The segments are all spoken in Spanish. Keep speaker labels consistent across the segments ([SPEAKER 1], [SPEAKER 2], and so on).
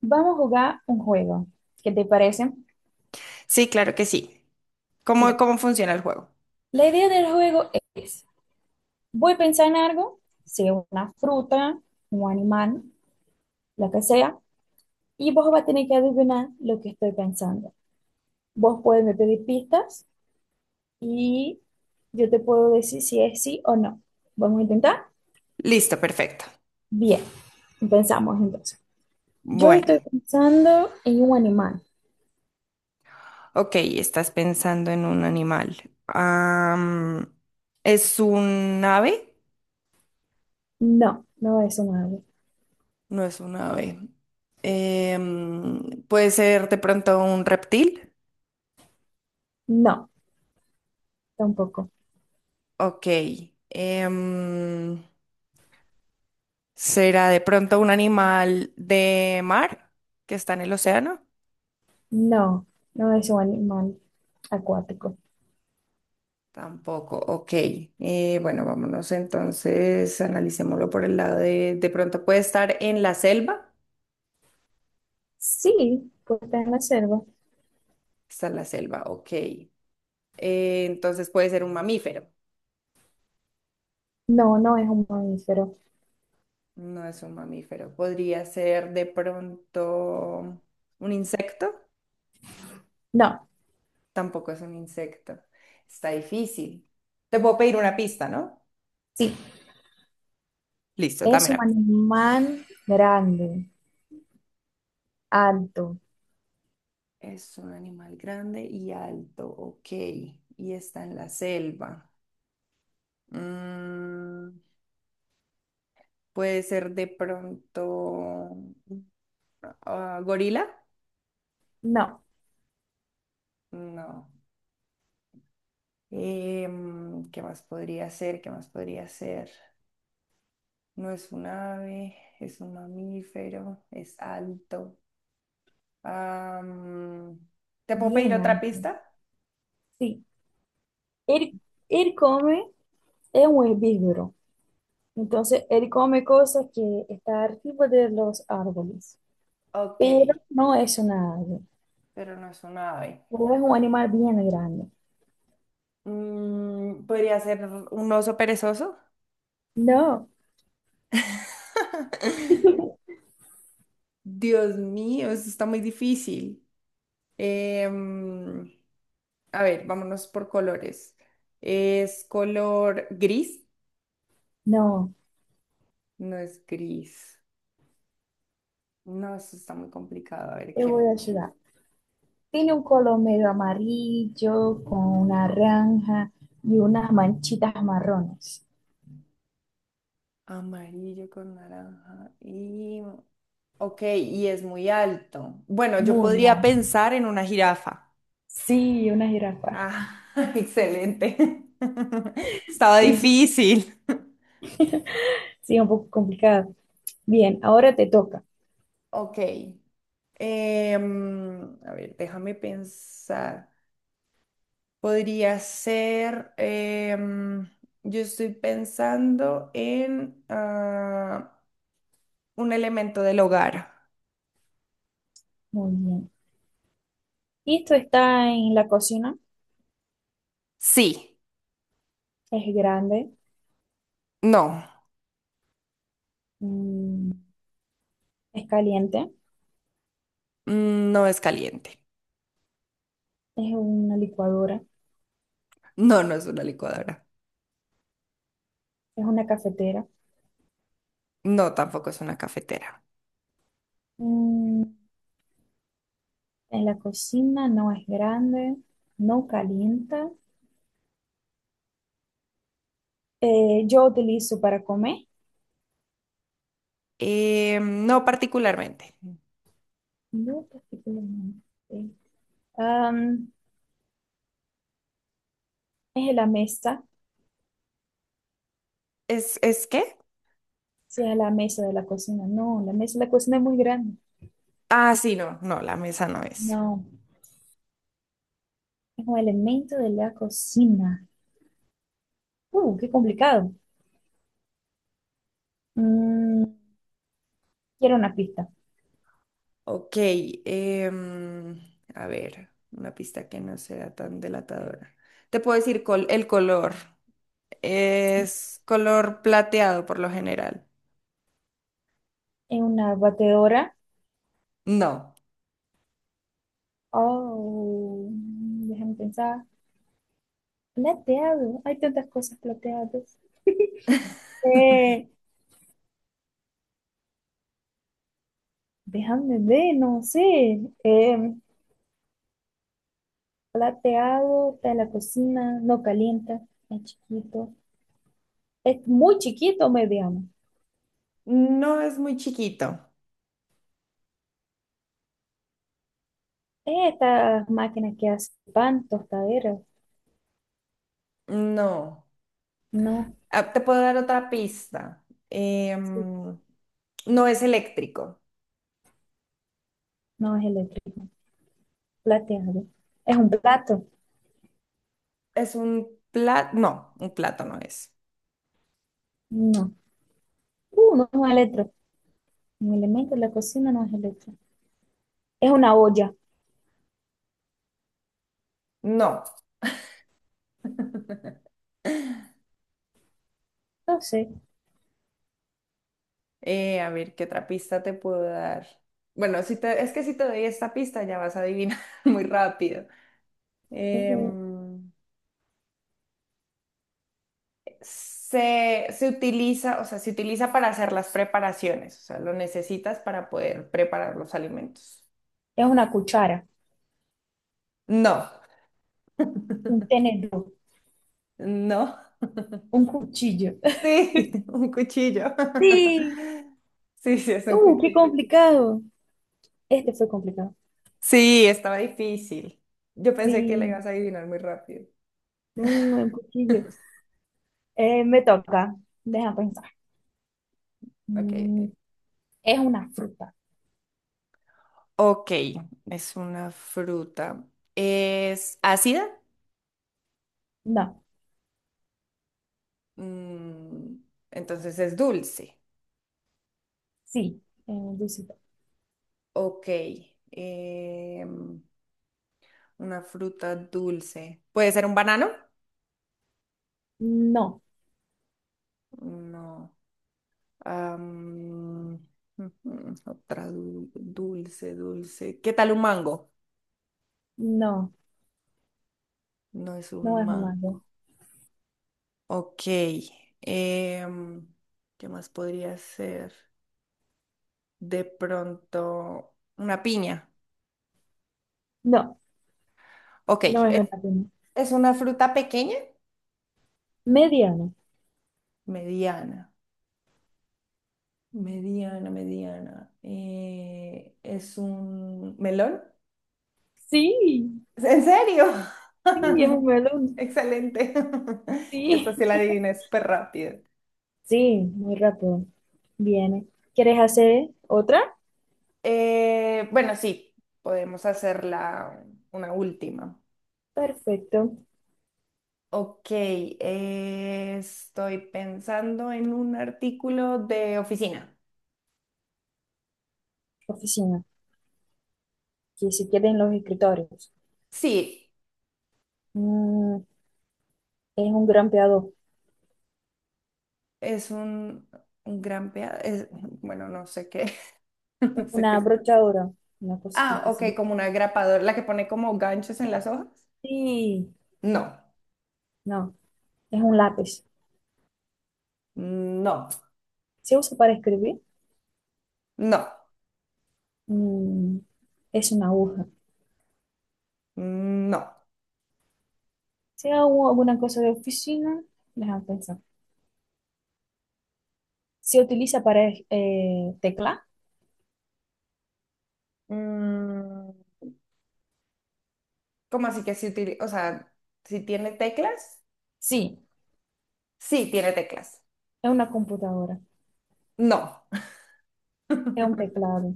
[SPEAKER 1] Vamos a jugar un juego. ¿Qué te parece?
[SPEAKER 2] Sí, claro que sí. ¿Cómo,
[SPEAKER 1] Sí.
[SPEAKER 2] cómo funciona el juego?
[SPEAKER 1] La idea del juego es, voy a pensar en algo, sea una fruta, un animal, lo que sea, y vos vas a tener que adivinar lo que estoy pensando. Vos puedes me pedir pistas y yo te puedo decir si es sí o no. ¿Vamos a intentar?
[SPEAKER 2] Listo, perfecto.
[SPEAKER 1] Bien, pensamos entonces. Yo
[SPEAKER 2] Bueno,
[SPEAKER 1] estoy pensando en un animal.
[SPEAKER 2] ok, estás pensando en un animal. ¿Es un ave?
[SPEAKER 1] No, no es un ave.
[SPEAKER 2] No es un ave. ¿Puede ser de pronto un reptil?
[SPEAKER 1] No, tampoco.
[SPEAKER 2] Ok. em, ¿Será de pronto un animal de mar que está en el océano?
[SPEAKER 1] No, no es un animal acuático.
[SPEAKER 2] Tampoco, ok. Bueno, vámonos entonces, analicémoslo por el lado de pronto puede estar en la selva.
[SPEAKER 1] Sí, pues está en la selva.
[SPEAKER 2] Está en la selva, ok. Entonces puede ser un mamífero.
[SPEAKER 1] No, no es un mamífero.
[SPEAKER 2] No es un mamífero. Podría ser de pronto un insecto.
[SPEAKER 1] No,
[SPEAKER 2] Tampoco es un insecto. Está difícil. Te puedo pedir una pista, ¿no?
[SPEAKER 1] sí,
[SPEAKER 2] Listo, dame
[SPEAKER 1] es un
[SPEAKER 2] una pista.
[SPEAKER 1] animal grande, alto.
[SPEAKER 2] Es un animal grande y alto, ok. Y está en la selva. Mm. Puede ser de pronto gorila.
[SPEAKER 1] No,
[SPEAKER 2] No. ¿Qué más podría ser? ¿Qué más podría ser? No es un ave, es un mamífero, es alto. Am, ¿Te puedo pedir
[SPEAKER 1] bien
[SPEAKER 2] otra
[SPEAKER 1] alto.
[SPEAKER 2] pista?
[SPEAKER 1] Sí, él, él come, es un herbívoro. Entonces, él come cosas que están arriba de los árboles.
[SPEAKER 2] Ok,
[SPEAKER 1] Pero no es una ave.
[SPEAKER 2] pero no es un ave.
[SPEAKER 1] O es un animal bien grande.
[SPEAKER 2] Mm, ¿podría ser un oso perezoso?
[SPEAKER 1] No,
[SPEAKER 2] Dios mío, eso está muy difícil. Em, A ver, vámonos por colores. Es color gris.
[SPEAKER 1] no,
[SPEAKER 2] No es gris. No, eso está muy complicado. A ver,
[SPEAKER 1] te
[SPEAKER 2] qué
[SPEAKER 1] voy a ayudar. Tiene un color medio amarillo con naranja y unas manchitas marrones.
[SPEAKER 2] amarillo con naranja. Y... Ok, y es muy alto. Bueno, yo
[SPEAKER 1] Muy
[SPEAKER 2] podría
[SPEAKER 1] mal.
[SPEAKER 2] pensar en una jirafa.
[SPEAKER 1] Sí, una jirafa.
[SPEAKER 2] Ah, excelente. Estaba
[SPEAKER 1] Sí, sí,
[SPEAKER 2] difícil.
[SPEAKER 1] sí, un poco complicado. Bien, ahora te toca.
[SPEAKER 2] Ok. A ver, déjame pensar. Podría ser, yo estoy pensando en un elemento del hogar.
[SPEAKER 1] Muy bien. Esto está en la cocina.
[SPEAKER 2] Sí,
[SPEAKER 1] Es grande,
[SPEAKER 2] no,
[SPEAKER 1] mm, es caliente,
[SPEAKER 2] mm, no es caliente.
[SPEAKER 1] es una licuadora,
[SPEAKER 2] No, no es una licuadora.
[SPEAKER 1] es una cafetera.
[SPEAKER 2] No, tampoco es una cafetera.
[SPEAKER 1] Mm, en la cocina no es grande, no calienta. Yo utilizo para comer.
[SPEAKER 2] No particularmente.
[SPEAKER 1] No particularmente. Am, es la mesa,
[SPEAKER 2] Es qué?
[SPEAKER 1] si es la mesa de la cocina. No, la mesa de la cocina es muy grande.
[SPEAKER 2] Ah, sí, no, no, la mesa no es.
[SPEAKER 1] No, es un elemento de la cocina. Qué complicado. Mm, quiero una pista.
[SPEAKER 2] Ok, em, a ver, una pista que no sea tan delatadora. Te puedo decir col- el color. Es color plateado por lo general.
[SPEAKER 1] Es una batedora.
[SPEAKER 2] No.
[SPEAKER 1] Oh, déjame pensar. Plateado. Hay tantas cosas plateadas. Eh, déjame ver, no sé. Plateado, está en la cocina, no calienta, es chiquito. Es muy chiquito, mediano.
[SPEAKER 2] No es muy chiquito.
[SPEAKER 1] Estas máquinas que hacen pan, tostaderas,
[SPEAKER 2] No.
[SPEAKER 1] no,
[SPEAKER 2] Ah, te puedo dar otra pista.
[SPEAKER 1] sí,
[SPEAKER 2] Em, no es eléctrico.
[SPEAKER 1] no es eléctrico, plateado. ¿Es un plato?
[SPEAKER 2] Es un plato. No, un plato no es.
[SPEAKER 1] No. No es un electro. Un elemento de la cocina no es electro. Es una olla,
[SPEAKER 2] No.
[SPEAKER 1] no sé.
[SPEAKER 2] A ver, ¿qué otra pista te puedo dar? Bueno, si te- es que si te doy esta pista ya vas a adivinar muy rápido.
[SPEAKER 1] Uh,
[SPEAKER 2] Em, Se, se utiliza, o sea, se utiliza para hacer las preparaciones, o sea, lo necesitas para poder preparar los alimentos.
[SPEAKER 1] es una cuchara,
[SPEAKER 2] No,
[SPEAKER 1] un tenedor,
[SPEAKER 2] no,
[SPEAKER 1] un cuchillo.
[SPEAKER 2] sí, un cuchillo.
[SPEAKER 1] Sí,
[SPEAKER 2] Sí, sí, es un
[SPEAKER 1] qué
[SPEAKER 2] cuchillo.
[SPEAKER 1] complicado. Este fue complicado.
[SPEAKER 2] Sí, estaba difícil. Yo pensé que la
[SPEAKER 1] Sí,
[SPEAKER 2] ibas a adivinar muy rápido.
[SPEAKER 1] uh, un cuchillo. Me toca, deja pensar.
[SPEAKER 2] Ok,
[SPEAKER 1] Mm,
[SPEAKER 2] ok.
[SPEAKER 1] es una fruta.
[SPEAKER 2] Ok, es una fruta. ¿Es ácida?
[SPEAKER 1] No,
[SPEAKER 2] Mm, entonces es dulce.
[SPEAKER 1] sí, dulce.
[SPEAKER 2] Ok. em, Una fruta dulce. ¿Puede ser un banano?
[SPEAKER 1] No,
[SPEAKER 2] No. Am, Ujú, otra du- dulce, dulce. ¿Qué tal un mango?
[SPEAKER 1] no,
[SPEAKER 2] No es un
[SPEAKER 1] no es un
[SPEAKER 2] mango.
[SPEAKER 1] mango.
[SPEAKER 2] Ok. em, ¿Qué más podría ser? De pronto, una piña.
[SPEAKER 1] No,
[SPEAKER 2] Ok.
[SPEAKER 1] no es
[SPEAKER 2] ¿Es,
[SPEAKER 1] un piña.
[SPEAKER 2] es una fruta pequeña?
[SPEAKER 1] Mediano.
[SPEAKER 2] Mediana. Mediana, mediana. ¿Es un melón?
[SPEAKER 1] Sí,
[SPEAKER 2] ¿En serio?
[SPEAKER 1] sí, es un melón.
[SPEAKER 2] Excelente. Esta
[SPEAKER 1] Sí.
[SPEAKER 2] sí la adiviné súper rápido.
[SPEAKER 1] Sí, muy rápido. Viene. ¿Quieres hacer otra?
[SPEAKER 2] Bueno, sí, podemos hacerla una última.
[SPEAKER 1] Perfecto.
[SPEAKER 2] Ok, estoy pensando en un artículo de oficina.
[SPEAKER 1] Oficina. Que se queden los escritorios.
[SPEAKER 2] Sí,
[SPEAKER 1] Mm, es un grampeador.
[SPEAKER 2] es un gran pea- es- bueno, no sé qué. No sé qué
[SPEAKER 1] Una
[SPEAKER 2] es.
[SPEAKER 1] brochadora. Una
[SPEAKER 2] Ah,
[SPEAKER 1] cosita
[SPEAKER 2] ok,
[SPEAKER 1] así.
[SPEAKER 2] como una grapadora, la que pone como ganchos en las hojas.
[SPEAKER 1] Sí.
[SPEAKER 2] No,
[SPEAKER 1] No, es un lápiz.
[SPEAKER 2] no,
[SPEAKER 1] ¿Se usa para escribir?
[SPEAKER 2] no,
[SPEAKER 1] Mm, es una aguja.
[SPEAKER 2] no.
[SPEAKER 1] Si hago alguna cosa de oficina, déjame pensar. ¿Se utiliza para tecla?
[SPEAKER 2] Mm, ¿cómo así que si utili- o sea, si tiene teclas?
[SPEAKER 1] Sí,
[SPEAKER 2] Sí, tiene teclas.
[SPEAKER 1] es una computadora,
[SPEAKER 2] No.
[SPEAKER 1] es un teclado.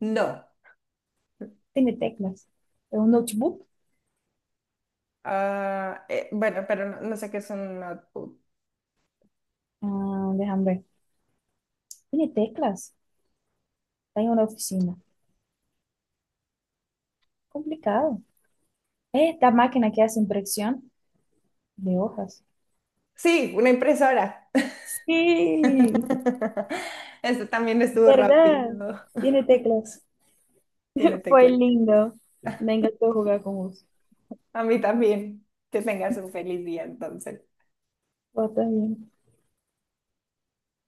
[SPEAKER 2] No.
[SPEAKER 1] Tiene teclas. ¿Es un notebook?
[SPEAKER 2] Ah, bueno, pero no, no sé qué es un notebook.
[SPEAKER 1] Ah, déjame ver. ¿Tiene teclas? Está en una oficina. Complicado. ¿Es esta máquina que hace impresión de hojas?
[SPEAKER 2] Sí, una impresora.
[SPEAKER 1] Sí,
[SPEAKER 2] Este también estuvo rápido.
[SPEAKER 1] ¿verdad? Tiene teclas.
[SPEAKER 2] Tiene
[SPEAKER 1] Fue
[SPEAKER 2] teclas.
[SPEAKER 1] lindo. Me encantó jugar con vos.
[SPEAKER 2] A mí también. Que tengas un feliz día entonces.
[SPEAKER 1] Vos también.